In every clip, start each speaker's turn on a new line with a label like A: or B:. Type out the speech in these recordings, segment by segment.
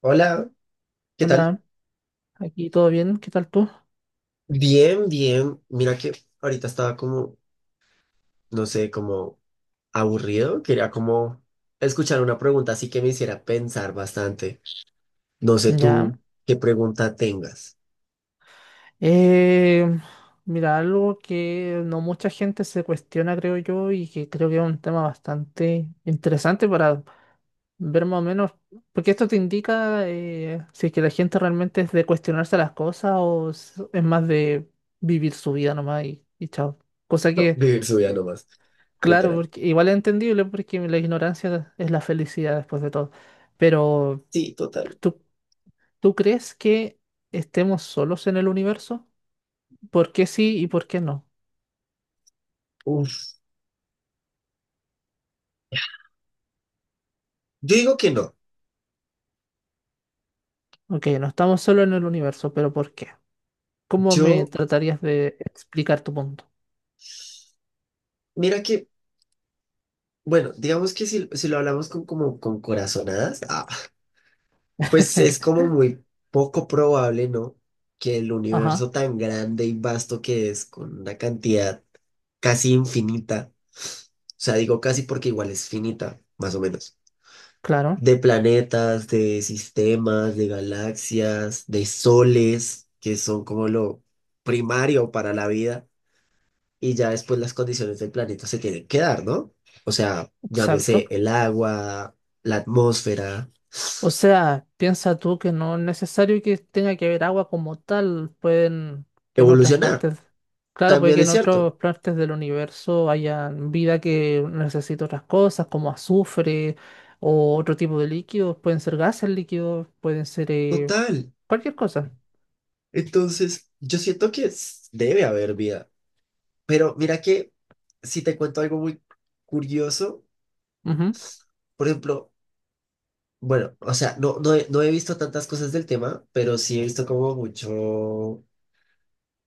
A: Hola, ¿qué tal?
B: Hola, aquí todo bien, ¿qué tal tú?
A: Bien, bien. Mira que ahorita estaba no sé, como aburrido. Quería como escuchar una pregunta así que me hiciera pensar bastante. No sé
B: Ya.
A: tú qué pregunta tengas.
B: Eh, mira, algo que no mucha gente se cuestiona, creo yo, y que creo que es un tema bastante interesante para ver más o menos, porque esto te indica si es que la gente realmente es de cuestionarse las cosas o es más de vivir su vida nomás y chao. Cosa que,
A: Vivir su vida nomás,
B: claro,
A: literal.
B: porque igual es entendible porque la ignorancia es la felicidad después de todo. Pero
A: Sí, total.
B: ¿Tú ¿Tú crees que estemos solos en el universo? ¿Por qué sí y por qué no?
A: Uf. Yo digo que no.
B: Ok, no estamos solos en el universo, pero ¿por qué? ¿Cómo me
A: Yo,
B: tratarías de explicar tu punto?
A: mira que, bueno, digamos que si lo hablamos con, como, con corazonadas, pues es como muy poco probable, ¿no? Que el
B: Ajá,
A: universo tan grande y vasto que es, con una cantidad casi infinita. O sea, digo casi porque igual es finita, más o menos.
B: claro,
A: De planetas, de sistemas, de galaxias, de soles, que son como lo primario para la vida. Y ya después las condiciones del planeta se tienen que dar, ¿no? O sea,
B: exacto.
A: llámese el agua, la atmósfera,
B: O sea, piensa tú que no es necesario que tenga que haber agua como tal, pueden que en otras
A: evolucionar.
B: partes, claro, puede
A: También
B: que
A: es
B: en otras
A: cierto.
B: partes del universo haya vida que necesite otras cosas, como azufre o otro tipo de líquidos, pueden ser gases líquidos, pueden ser
A: Total.
B: cualquier cosa.
A: Entonces, yo siento que debe haber vida. Pero mira que si te cuento algo muy curioso.
B: Ujú.
A: Por ejemplo, bueno, o sea, no he visto tantas cosas del tema, pero sí he visto como mucho,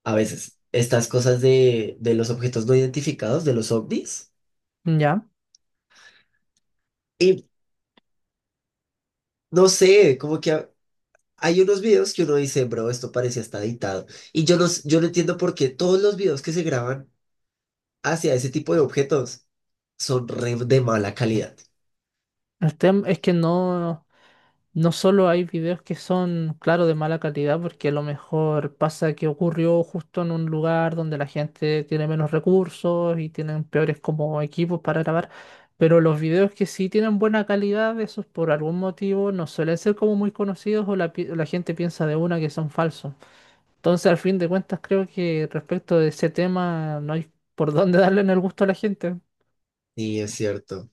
A: a veces, estas cosas de los objetos no identificados, de los ovnis.
B: Ya.
A: Y no sé, como que hay unos videos que uno dice, bro, esto parece hasta editado. Y yo yo no entiendo por qué todos los videos que se graban hacia ese tipo de objetos son re de mala calidad.
B: El tema es que no. No solo hay videos que son, claro, de mala calidad, porque a lo mejor pasa que ocurrió justo en un lugar donde la gente tiene menos recursos y tienen peores como equipos para grabar, pero los videos que sí tienen buena calidad, esos por algún motivo no suelen ser como muy conocidos o la gente piensa de una que son falsos. Entonces, al fin de cuentas, creo que respecto de ese tema no hay por dónde darle en el gusto a la gente.
A: Sí, es cierto.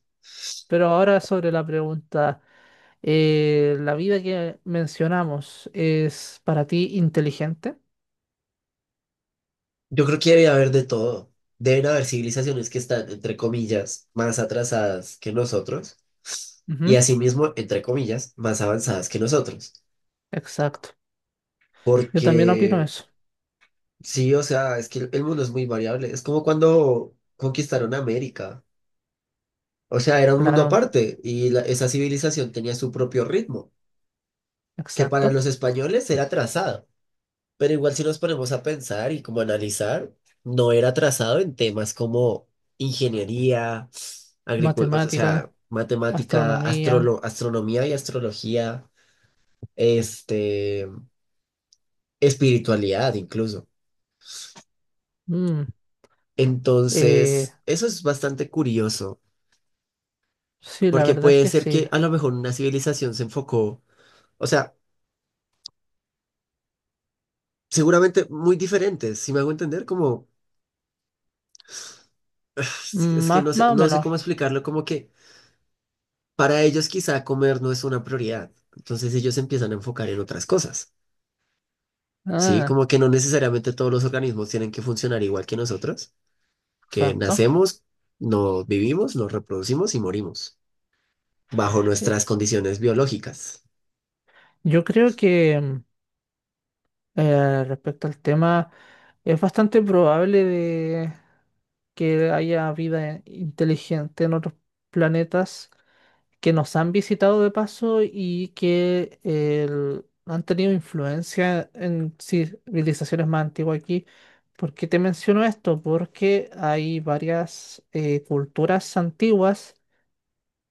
B: Pero ahora sobre la pregunta. La vida que mencionamos es para ti inteligente.
A: Yo creo que debe haber de todo. Deben haber civilizaciones que están, entre comillas, más atrasadas que nosotros y
B: Ujú.
A: asimismo, entre comillas, más avanzadas que nosotros.
B: Exacto. Yo también opino
A: Porque
B: eso.
A: sí, o sea, es que el mundo es muy variable. Es como cuando conquistaron América. O sea, era un mundo
B: Claro,
A: aparte y esa civilización tenía su propio ritmo, que para
B: exacto.
A: los españoles era trazado. Pero igual si nos ponemos a pensar y como analizar, no era trazado en temas como ingeniería, agricultura, o
B: Matemática,
A: sea, matemática,
B: astronomía.
A: astronomía y astrología, este, espiritualidad incluso.
B: mm, eh,
A: Entonces, eso es bastante curioso.
B: sí, la
A: Porque
B: verdad es
A: puede
B: que
A: ser
B: sí.
A: que a lo mejor una civilización se enfocó, o sea, seguramente muy diferentes, si me hago entender, como es que
B: Más,
A: no sé,
B: más o
A: no sé
B: menos.
A: cómo explicarlo, como que para ellos quizá comer no es una prioridad, entonces ellos se empiezan a enfocar en otras cosas, ¿sí?
B: Ah,
A: Como que no necesariamente todos los organismos tienen que funcionar igual que nosotros, que
B: exacto.
A: nacemos, nos vivimos, nos reproducimos y morimos, bajo
B: Eh,
A: nuestras condiciones biológicas.
B: Yo creo que respecto al tema, es bastante probable de que haya vida inteligente en otros planetas que nos han visitado de paso y que han tenido influencia en civilizaciones más antiguas aquí. ¿Por qué te menciono esto? Porque hay varias culturas antiguas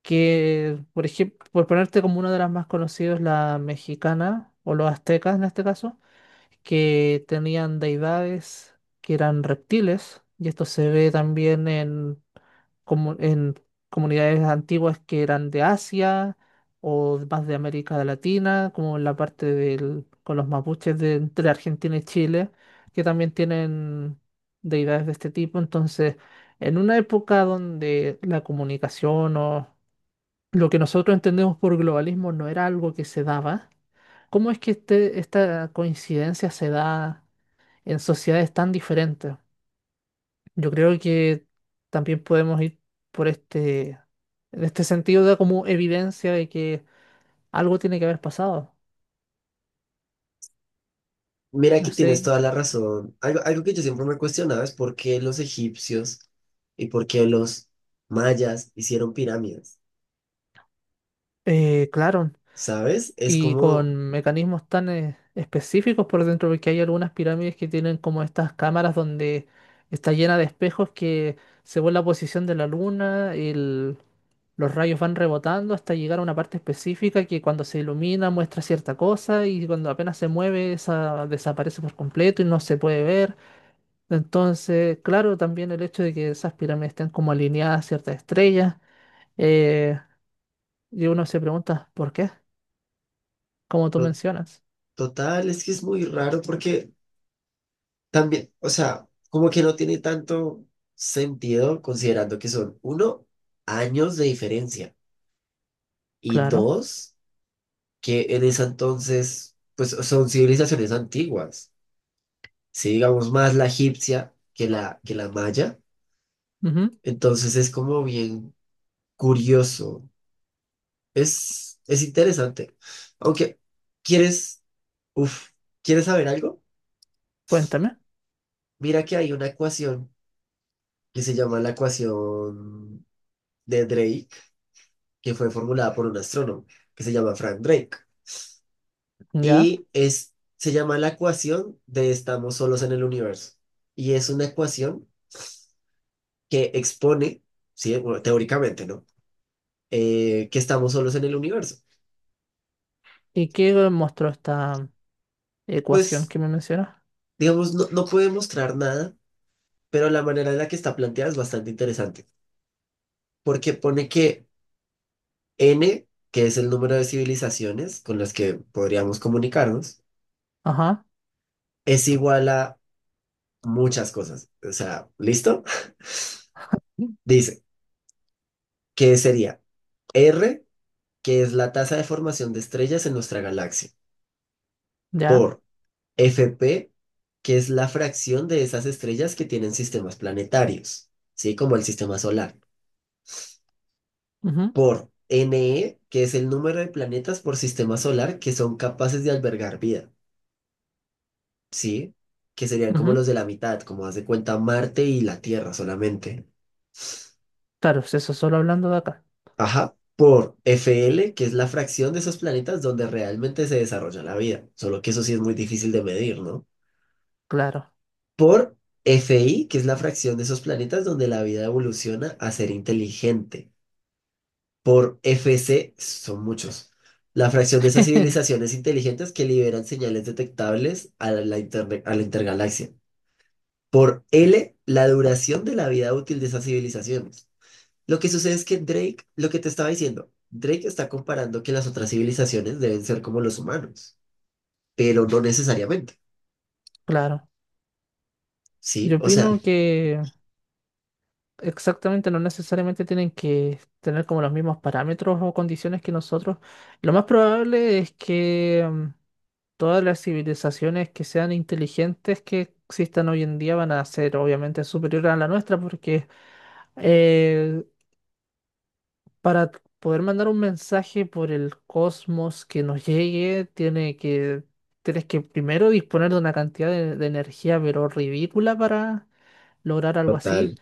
B: que, por ejemplo, por ponerte como una de las más conocidas, la mexicana o los aztecas en este caso, que tenían deidades que eran reptiles, y esto se ve también en comunidades antiguas que eran de Asia o más de América Latina, como en la parte del, con los mapuches de entre Argentina y Chile, que también tienen deidades de este tipo. Entonces, en una época donde la comunicación o lo que nosotros entendemos por globalismo no era algo que se daba, ¿cómo es que esta coincidencia se da en sociedades tan diferentes? Yo creo que también podemos ir por este, en este sentido da como evidencia de que algo tiene que haber pasado.
A: Mira que
B: No sé,
A: tienes toda la razón. Algo, algo que yo siempre me cuestionaba es por qué los egipcios y por qué los mayas hicieron pirámides,
B: claro.
A: ¿sabes?
B: Y con mecanismos tan específicos por dentro, porque hay algunas pirámides que tienen como estas cámaras donde está llena de espejos que según la posición de la luna, los rayos van rebotando hasta llegar a una parte específica que cuando se ilumina muestra cierta cosa y cuando apenas se mueve esa desaparece por completo y no se puede ver. Entonces, claro, también el hecho de que esas pirámides estén como alineadas a ciertas estrellas, eh, y uno se pregunta, ¿por qué? Como tú
A: To-
B: mencionas,
A: total, es que es muy raro porque también, o sea, como que no tiene tanto sentido considerando que son, uno, años de diferencia y
B: claro.
A: dos, que en ese entonces, pues son civilizaciones antiguas, si digamos más la egipcia que que la maya.
B: Ujú.
A: Entonces es como bien curioso. Es interesante. Aunque, ¿quieres, uf, ¿quieres saber algo?
B: Cuéntame,
A: Mira que hay una ecuación que se llama la ecuación de Drake, que fue formulada por un astrónomo que se llama Frank Drake.
B: ya.
A: Se llama la ecuación de estamos solos en el universo. Y es una ecuación que expone, sí, bueno, teóricamente, ¿no? Que estamos solos en el universo.
B: ¿Y qué mostró esta ecuación
A: Pues,
B: que me mencionas?
A: digamos, no puede mostrar nada pero la manera en la que está planteada es bastante interesante, porque pone que n, que es el número de civilizaciones con las que podríamos comunicarnos,
B: Ajá,
A: es igual a muchas cosas. O sea, ¿listo? Dice que sería R, que es la tasa de formación de estrellas en nuestra galaxia,
B: ya.
A: por FP, que es la fracción de esas estrellas que tienen sistemas planetarios, ¿sí? Como el sistema solar.
B: Ujú.
A: Por NE, que es el número de planetas por sistema solar que son capaces de albergar vida, ¿sí? Que serían como
B: Ujú.
A: los de la mitad, como haz de cuenta Marte y la Tierra solamente.
B: Claro, pues eso solo hablando de acá.
A: Ajá, por FL, que es la fracción de esos planetas donde realmente se desarrolla la vida, solo que eso sí es muy difícil de medir, ¿no?
B: Claro,
A: Por FI, que es la fracción de esos planetas donde la vida evoluciona a ser inteligente. Por F C son muchos. La fracción de esas civilizaciones inteligentes que liberan señales detectables a a la intergalaxia. Por L, la duración de la vida útil de esas civilizaciones. Lo que sucede es que Drake, lo que te estaba diciendo, Drake está comparando que las otras civilizaciones deben ser como los humanos, pero no necesariamente,
B: claro.
A: ¿sí?
B: Yo
A: O sea,
B: opino que exactamente no necesariamente tienen que tener como los mismos parámetros o condiciones que nosotros. Lo más probable es que todas las civilizaciones que sean inteligentes que existan hoy en día van a ser obviamente superiores a la nuestra porque... eh, Para poder mandar un mensaje por el cosmos que nos llegue, tienes que primero disponer de una cantidad de energía, pero ridícula para lograr algo así.
A: total.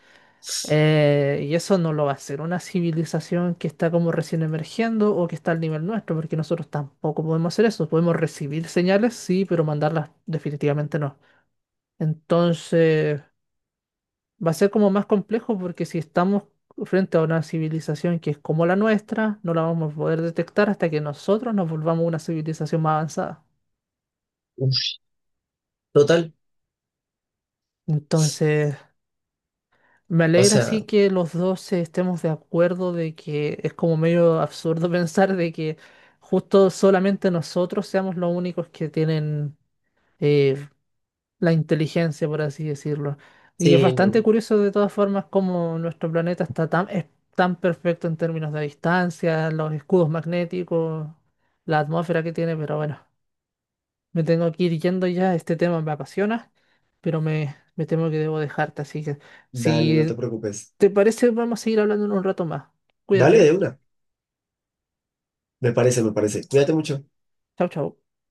B: Y eso no lo va a hacer una civilización que está como recién emergiendo o que está al nivel nuestro, porque nosotros tampoco podemos hacer eso. Podemos recibir señales, sí, pero mandarlas definitivamente no. Entonces va a ser como más complejo porque si estamos frente a una civilización que es como la nuestra, no la vamos a poder detectar hasta que nosotros nos volvamos una civilización más avanzada.
A: Uf. Total.
B: Entonces, me
A: O
B: alegra
A: sea,
B: sí que los dos estemos de acuerdo de que es como medio absurdo pensar de que justo solamente nosotros seamos los únicos que tienen eh, la inteligencia, por así decirlo. Y es
A: sí,
B: bastante
A: no.
B: curioso de todas formas cómo nuestro planeta está tan, es tan perfecto en términos de distancia, los escudos magnéticos, la atmósfera que tiene, pero bueno, me tengo que ir yendo ya, este tema me apasiona, pero me temo que debo dejarte, así que
A: Dale, no te
B: si
A: preocupes.
B: te parece vamos a seguir hablando en un rato más.
A: Dale
B: Cuídate, ¿eh?
A: de una. Me parece, me parece. Cuídate mucho.
B: Chau, chau.